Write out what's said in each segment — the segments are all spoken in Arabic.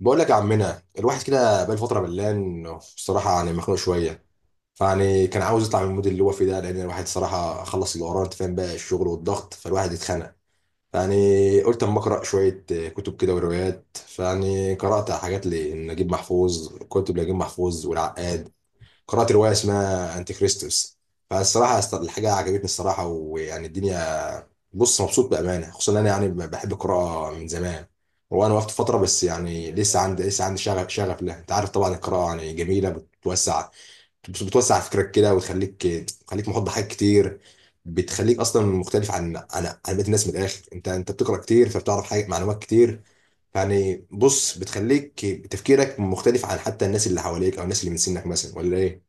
بقول لك يا عمنا، الواحد كده بقى فتره ملان، بصراحه يعني مخنوق شويه. فيعني كان عاوز يطلع من المود اللي هو فيه ده، لان الواحد صراحه خلص اللي وراه، انت فاهم، بقى الشغل والضغط فالواحد اتخنق. فيعني قلت اما اقرا شويه، كتب كده وروايات، فيعني قرات حاجات لنجيب محفوظ، كتب لنجيب محفوظ والعقاد. قرات روايه اسمها انتي كريستوس. فالصراحه الحاجه عجبتني الصراحه، ويعني الدنيا. بص، مبسوط بامانه، خصوصا إن انا يعني بحب القراءه من زمان. وانا وقفت فتره، بس يعني لسه عندي شغف لها، انت عارف، طبعا القراءه يعني جميله، بتوسع. بتوسع فكرك كده وتخليك، تخليك محاط بحاجات كتير. بتخليك اصلا مختلف عن بقيه الناس، من الاخر انت بتقرا كتير فبتعرف حاجه، معلومات كتير. يعني بص، بتخليك تفكيرك مختلف عن حتى الناس اللي حواليك، او الناس اللي من سنك مثلا، ولا ايه؟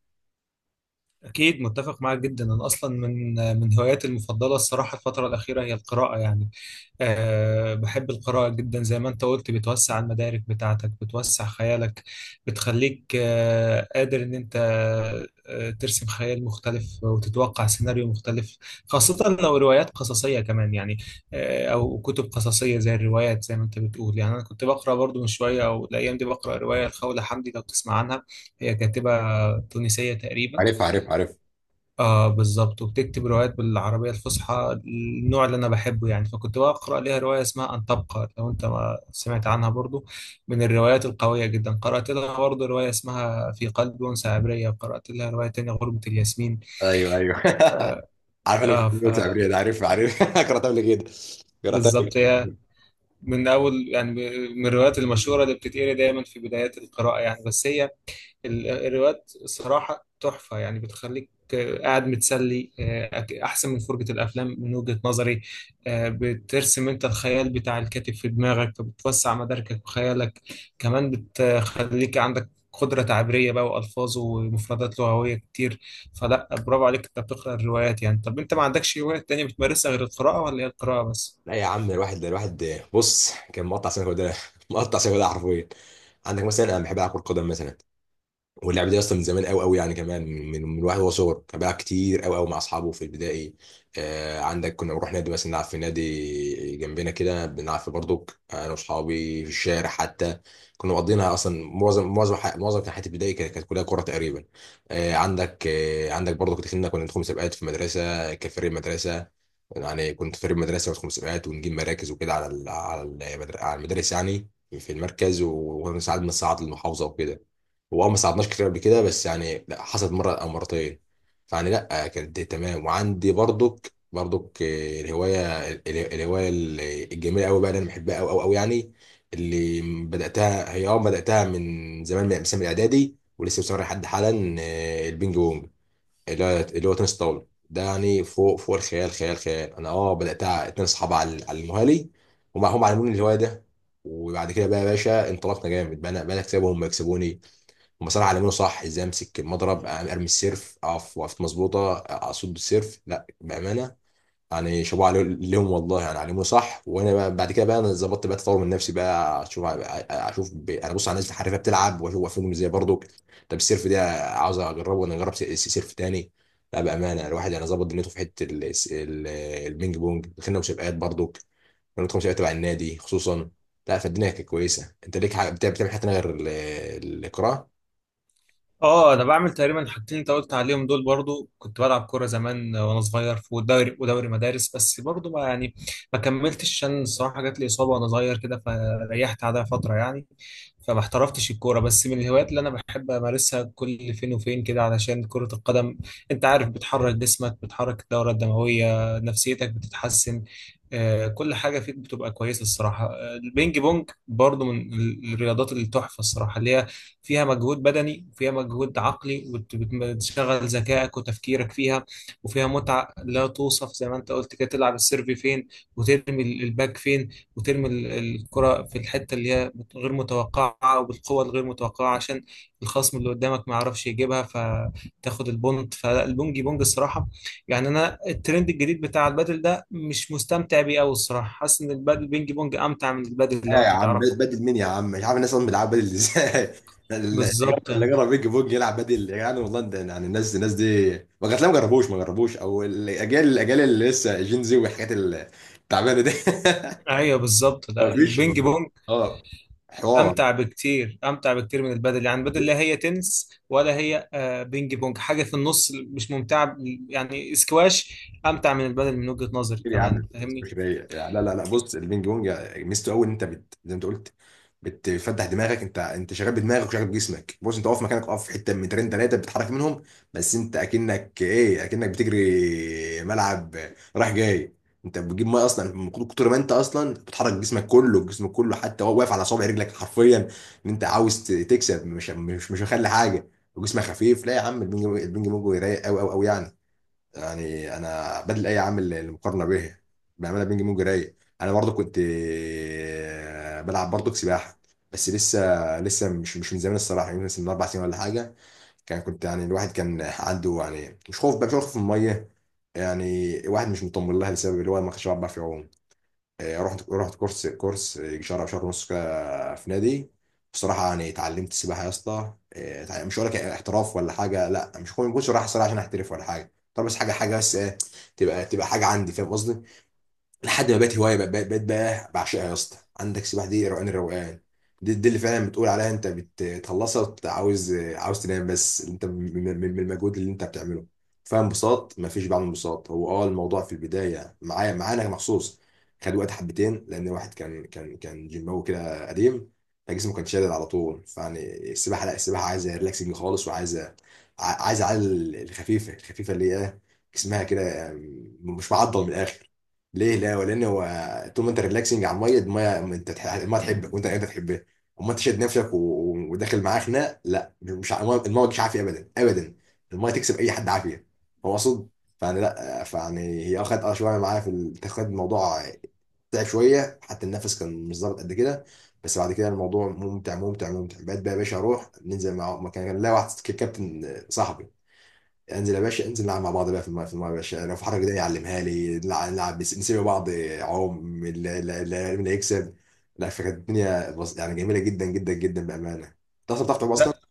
أكيد متفق معاك جدا. أنا أصلا من هواياتي المفضلة الصراحة الفترة الأخيرة هي القراءة. يعني بحب القراءة جدا، زي ما أنت قلت بتوسع المدارك بتاعتك، بتوسع خيالك، بتخليك قادر إن أنت ترسم خيال مختلف وتتوقع سيناريو مختلف، خاصة لو روايات قصصية كمان يعني، أو كتب قصصية زي الروايات زي ما أنت بتقول. يعني أنا كنت بقرأ برضو من شوية، أو الأيام دي بقرأ رواية الخولة حمدي، لو تسمع عنها. هي كاتبة تونسية تقريبا. عارف، عارف، عارف. اه بالظبط، وبتكتب روايات بالعربية الفصحى، النوع اللي انا بحبه يعني. فكنت بقرا ليها رواية اسمها ان تبقى، لو انت ما سمعت عنها برضو، من الروايات القوية جدا. قرأت لها برضو رواية اسمها في قلب انثى عبرية، قرأت لها رواية تانية غربة الياسمين. ايوه، ايوه. عارف، انا بحب اه التعبير ده، عارف، عارف. قراتها قبل كده. قراتها قبل فبالظبط، هي كده. من اول يعني من الروايات المشهورة اللي بتتقري دايما في بدايات القراءة يعني. بس هي الروايات صراحة تحفة يعني، بتخليك قاعد متسلي، أحسن من فرجة الأفلام من وجهة نظري. بترسم أنت الخيال بتاع الكاتب في دماغك، فبتوسع مداركك وخيالك، كمان بتخليك عندك قدرة تعبيرية بقى وألفاظ ومفردات لغوية كتير. فلا برافو عليك أنت بتقرأ الروايات يعني. طب أنت ما عندكش هواية تانية بتمارسها غير القراءة، ولا هي القراءة بس؟ لا يا عم، الواحد بص كان مقطع سنه كده، مقطع سنه كده حرفيا. عندك مثلا، انا بحب العب كره قدم مثلا. واللعبه دي اصلا من زمان قوي قوي، يعني كمان من واحد هو صغر كان بيلعب كتير قوي قوي مع اصحابه في البدائي. آه، عندك كنا بنروح نادي مثلا، نلعب في نادي جنبنا كده، بنلعب في بردوك انا واصحابي في الشارع حتى. كنا مقضينها اصلا، معظم كان حياتي البدائي كانت كلها كوره تقريبا. آه عندك، برضه دخلنا، كنا ندخل مسابقات في مدرسه كفريق مدرسه. يعني كنت فريق مدرسه وندخل مسابقات ونجيب مراكز وكده على على على المدارس يعني. في المركز، وساعات بنصعد للمحافظه وكده. هو اه ما صعدناش كتير قبل كده، بس يعني لا، حصلت مره او مرتين. فيعني لا كانت دي تمام. وعندي برضك الهوايه الهوايه الجميله قوي بقى اللي انا بحبها قوي قوي قوي يعني، اللي بداتها هي اه، بداتها من زمان، من مثلا من الاعدادي ولسه مستمر لحد حالا، البينج بونج، اللي هو اللي هو تنس طاوله ده. يعني فوق فوق الخيال، خيال خيال. انا اه بداتها 2 اصحاب على على المهالي، هم هم علموني الهوايه ده. وبعد كده بقى يا باشا، انطلقنا جامد بقى، انا بقى أنا اكسبهم ويكسبوني. هم صراحة علمونا صح، ازاي امسك المضرب، ارمي السيرف، اقف وقفت مظبوطة، اصد السيرف، لا بأمانة. يعني شابوه ليهم والله، يعني علمونا صح. وانا بقى بعد كده بقى، انا ظبطت بقى، تطور من نفسي بقى، اشوف، انا بص على الناس الحريفة بتلعب واشوف واقفين ازاي برضو. طب السيرف ده عاوز اجربه، وانا اجرب سيرف تاني. لا بأمانة، الواحد يعني ظبط دنيته في حتة ال... البينج بونج. دخلنا مسابقات برضو، رياضة مسابقات تبع النادي خصوصا. لا فالدنيا كانت كويسة. انت ليك حاجة بتعمل، بتعمل حاجة تانية غير القراءة؟ اه انا بعمل تقريبا الحاجتين اللي انت قلت عليهم دول. برضو كنت بلعب كوره زمان وانا صغير، في دوري ودوري مدارس، بس برضو ما يعني ما كملتش، عشان الصراحه جات لي اصابه وانا صغير كده فريحت عليها فتره يعني، فما احترفتش الكوره. بس من الهوايات اللي انا بحب امارسها كل فين وفين كده علشان كره القدم، انت عارف، بتحرك جسمك، بتحرك الدوره الدمويه، نفسيتك بتتحسن، كل حاجه فيك بتبقى كويسه الصراحه. البينج بونج برضو من الرياضات اللي تحفه الصراحه، اللي هي فيها مجهود بدني وفيها مجهود عقلي، وبت- بت- بتشغل ذكائك وتفكيرك فيها، وفيها متعة لا توصف. زي ما انت قلت كده، تلعب السيرف فين، وترمي الباك فين، وترمي الكرة في الحتة اللي هي غير متوقعة وبالقوة الغير متوقعة، عشان الخصم اللي قدامك ما يعرفش يجيبها، فتاخد البونت. فالبونجي بونج الصراحة يعني، انا الترند الجديد بتاع البادل ده مش مستمتع بيه قوي الصراحة، حاسس ان البادل بينج بونج امتع من البادل، ايه لو يا انت عم، تعرفه. بدل مين يا عم؟ مش عارف الناس اصلا بيلعبوا بدل ازاي. اللي جرب، بالظبط. اللي جرب بيج بونج يلعب بدل؟ يعني والله انت يعني، الناس الناس دي ما جات، ما جربوش ما جربوش، او الاجيال، الاجيال اللي لسه جين زي والحاجات التعبانه دي. ايوه بالظبط، لا ما فيش البينج حوار. بونج اه، حوار امتع بكتير، امتع بكتير من البادل يعني. البادل لا هي تنس ولا هي بينج بونج، حاجه في النص مش ممتعه يعني. سكواش امتع من البادل من وجهه نظري كتير يا كمان، عم، فاهمني. مش رايق. لا لا لا، بص، البينج بونج ميزته قوي ان انت زي ما انت قلت، بتفتح دماغك، انت شغال بدماغك وشغال بجسمك. بص، انت واقف مكانك، واقف في حته 2 3 متر بتتحرك منهم، بس انت اكنك ايه، اكنك بتجري ملعب رايح جاي. انت بتجيب ميه اصلا من كتر ما انت اصلا بتحرك جسمك كله، جسمك كله حتى وهو واقف على صابع رجلك حرفيا، ان انت عاوز تكسب، مش مخلي حاجه وجسمك خفيف. لا يا عم، البينج بونج رايق قوي قوي قوي يعني. يعني انا بدل اي عامل المقارنه به، بامانه بينج بونج رايق. انا برضو كنت بلعب برضو سباحه، بس لسه، لسه مش من زمان الصراحه. يعني مثلا من 4 سنين ولا حاجه. كان كنت يعني الواحد كان عنده يعني مش خوف بقى، مش خوف من الميه، يعني الواحد مش مطمن لها، لسبب اللي هو ما كانش بيعرف يعوم. رحت، رحت كورس، كورس يجي شهر او شهر ونص كده في نادي. بصراحه يعني اتعلمت السباحه يا اسطى. مش هقول لك احتراف ولا حاجه، لا، مش كنت، مش رايح الصراحه عشان احترف ولا حاجه، طب بس حاجه، حاجه بس تبقى، تبقى حاجه عندي، فاهم قصدي؟ لحد ما بقت هوايه، بقت بقى بعشقها يا اسطى. عندك سباحه دي روقان الروقان، دي، دي اللي فعلا بتقول عليها انت بتخلصها وبت- عاوز، عاوز تنام، بس انت من، من المجهود اللي انت بتعمله. فاهم، انبساط، مفيش بعمل انبساط. هو اه الموضوع في البدايه معايا، معانا مخصوص، خد وقت حبتين، لان الواحد كان، كان جيماوي كده قديم، فجسمه كان شادد على طول. فيعني السباحه لا، السباحه عايزه ريلاكسنج خالص، وعايزه، عايزه على الخفيفه، الخفيفه اللي هي إيه؟ جسمها كده مش معضل، من الاخر. ليه؟ لا ولان هو طول ما انت ريلاكسنج على الميه، الميه انت الميه تحبك وانت انت تحبها. اما انت شاد نفسك و وداخل معاه خناق، لا مش الميه، المية مش عافيه ابدا ابدا. الميه تكسب اي حد عافيه، هو اقصد. فانا لا، فيعني هي اخد اه شويه معايا في الاتخاذ الموضوع، تعب شويه، حتى النفس كان مش ظابط قد كده. بس بعد كده الموضوع ممتع ممتع. بقيت بقى يا باشا اروح ننزل مع مكان كان، لا واحد كابتن صاحبي، انزل يا باشا انزل نلعب مع بعض بقى في الماء، في الماء يا باشا لو في حركه كده يعلمها لي، نلعب، نسيب بعض، عوم اللي يكسب. لا فكانت الدنيا يعني جميله جدا جدا جدا بامانه. انت اصلا بتعرف تعوم اصلا؟ لا.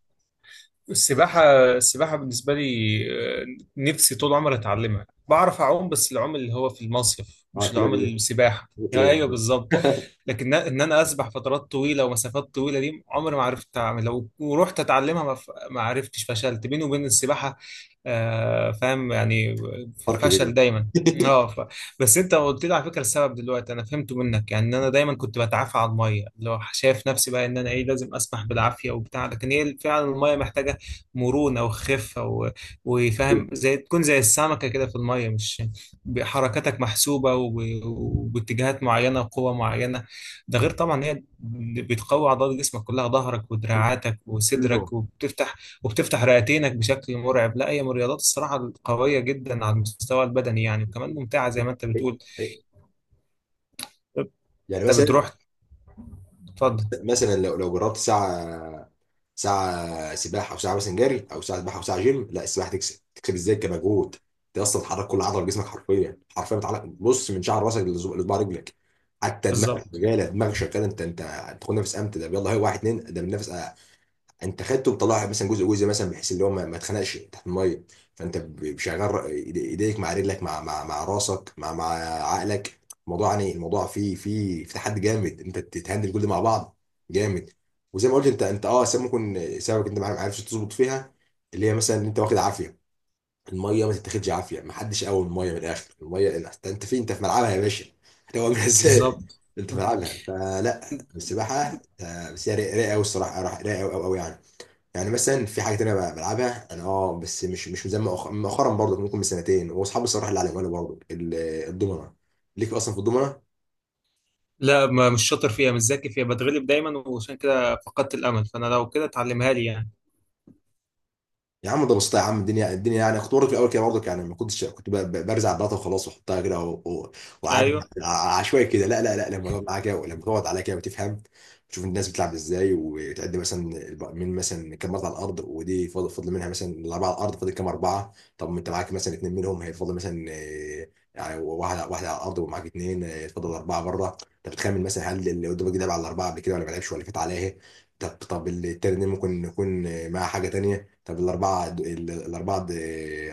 السباحة. السباحة بالنسبة لي، آه، نفسي طول عمري أتعلمها. بعرف أعوم بس العوم اللي هو في المصيف، اه مش العوم كلابي، دي السباحة. كلابي أيوه دي. بالظبط. لكن إن أنا أسبح فترات طويلة ومسافات طويلة دي عمري ما عرفت أعمل. لو ورحت أتعلمها ما ما عرفتش، فشلت بيني وبين السباحة فاهم يعني، فرق فشل كبير. دايما. أه ف... بس أنت قلت لي على فكرة السبب دلوقتي أنا فهمته منك، يعني إن أنا دايما كنت بتعافى على المية، اللي هو شايف نفسي بقى إن أنا إيه، لازم أسبح بالعافية وبتاع. لكن هي فعلا المية محتاجة مرونة وخفة و- وفاهم، زي تكون زي السمكة كده في المية، مش حركاتك محسوبة و- وباتجاهات معينة وقوة معينة. ده غير طبعا هي بتقوي عضلات جسمك كلها، ظهرك ودراعاتك وصدرك، وبتفتح رئتينك بشكل مرعب. لا هي من الرياضات الصراحة القوية جدا على المستوى البدني يعني، وكمان ممتعة زي ما انت بتقول. يعني انت مثلا، بتروح. تفضل. مثلا لو لو جربت ساعه، ساعه سباحه، او ساعه مثلا جري، او ساعه سباحه، او ساعه جيم، لا السباحه تكسب، تكسب ازاي كمجهود؟ انت اصلا بتحرك كل عضله في جسمك، حرفيا حرفيا بتعلق بص من شعر راسك لصباع رجلك، حتى دماغك بالظبط. شغاله، دماغك شغاله. انت انت تاخد نفس امتى ده، يلا هي واحد اتنين ده بنفس انت خدته، وطلعها مثلا جزء جزء، مثلا بحيث اللي هو ما اتخنقش تحت الميه. فانت شغال ايديك مع رجلك، مع مع راسك، مع مع عقلك. الموضوع يعني الموضوع فيه، في تحدي جامد، انت تتهندل كل ده مع بعض، جامد. وزي ما قلت انت، انت اه سبب، ممكن سببك انت ما عرفتش تظبط فيها، اللي هي مثلا ان انت واخد عافيه. الميه ما تتاخدش عافيه، ما حدش قوي الميه، من الاخر الميه، انت، انت فين؟ انت في ملعبها يا باشا. هتقومها ازاي؟ بالظبط. انت في ملعبها فلا. السباحه بس هي رايقه قوي الصراحه، رايقه قوي قوي يعني. يعني مثلا في حاجه تانية بقى بلعبها انا اه، بس مش، مش زي مؤخرا برضه، ممكن من سنتين، واصحابي الصراحه اللي علموا لي برضه الضمنه. ليك اصلا في الضمنه؟ لا ما مش شاطر فيها، مش ذكي فيها، بتغلب دايما وعشان كده فقدت الامل. فانا لو كده اتعلمها لي يعني. يا عم ده بسيطة يا عم، الدنيا، الدنيا يعني. كنت برضه في الاول كده برضه يعني ما كنتش، كنت برزع الداتا وخلاص، واحطها كده و وأعدي ايوه. عشوائي كده. لا لا لا، لما تقعد معاها كده، لما تقعد عليها كده، وتفهم، تشوف الناس بتلعب ازاي، وتعد مثلا من مثلا كام مرة على الارض، ودي فاضل، فاضل منها مثلا، الاربعه على الارض فاضل كام اربعه؟ طب ما انت معاك مثلا اثنين منهم، هيفضل مثلا يعني واحد واحد على الارض ومعاك اثنين، فاضل اربعه بره، انت بتخمن مثلا هل اللي قدامك ده لعب على الاربعه قبل كده ولا ما لعبش ولا فات عليها. طب، طب التاني ده ممكن يكون مع حاجه تانيه. طب الاربعه الاربعه،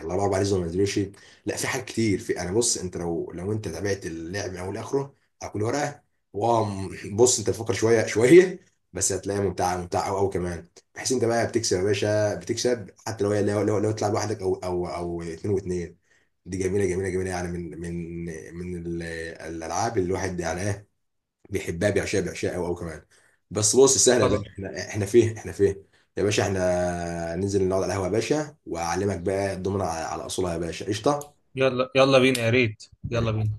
الاربعه باريزو ما نزلوش. لا، في حاجات كتير. في، انا بص انت لو، لو انت تابعت اللعب من اول لاخره على كل ورقه، واو، بص انت تفكر شويه شويه بس هتلاقيها ممتعه، ممتعه قوي قوي كمان. بحيث انت بقى بتكسب يا باشا، بتكسب حتى لو هي، لو، لو لو تلعب لوحدك، او او اثنين واثنين. دي جميله جميله يعني من، من الالعاب اللي الواحد يعني ايه، بيحبها، بيعشقها، بيعشقها قوي قوي كمان. بس بص سهله يا خلاص. باشا. احنا، احنا فين؟ احنا فين يا باشا؟ احنا ننزل نقعد على القهوه يا باشا، واعلمك بقى الضمنه على على اصولها يا باشا، قشطه. يلا يلا بينا يا ريت. يلا ماشي. بينا.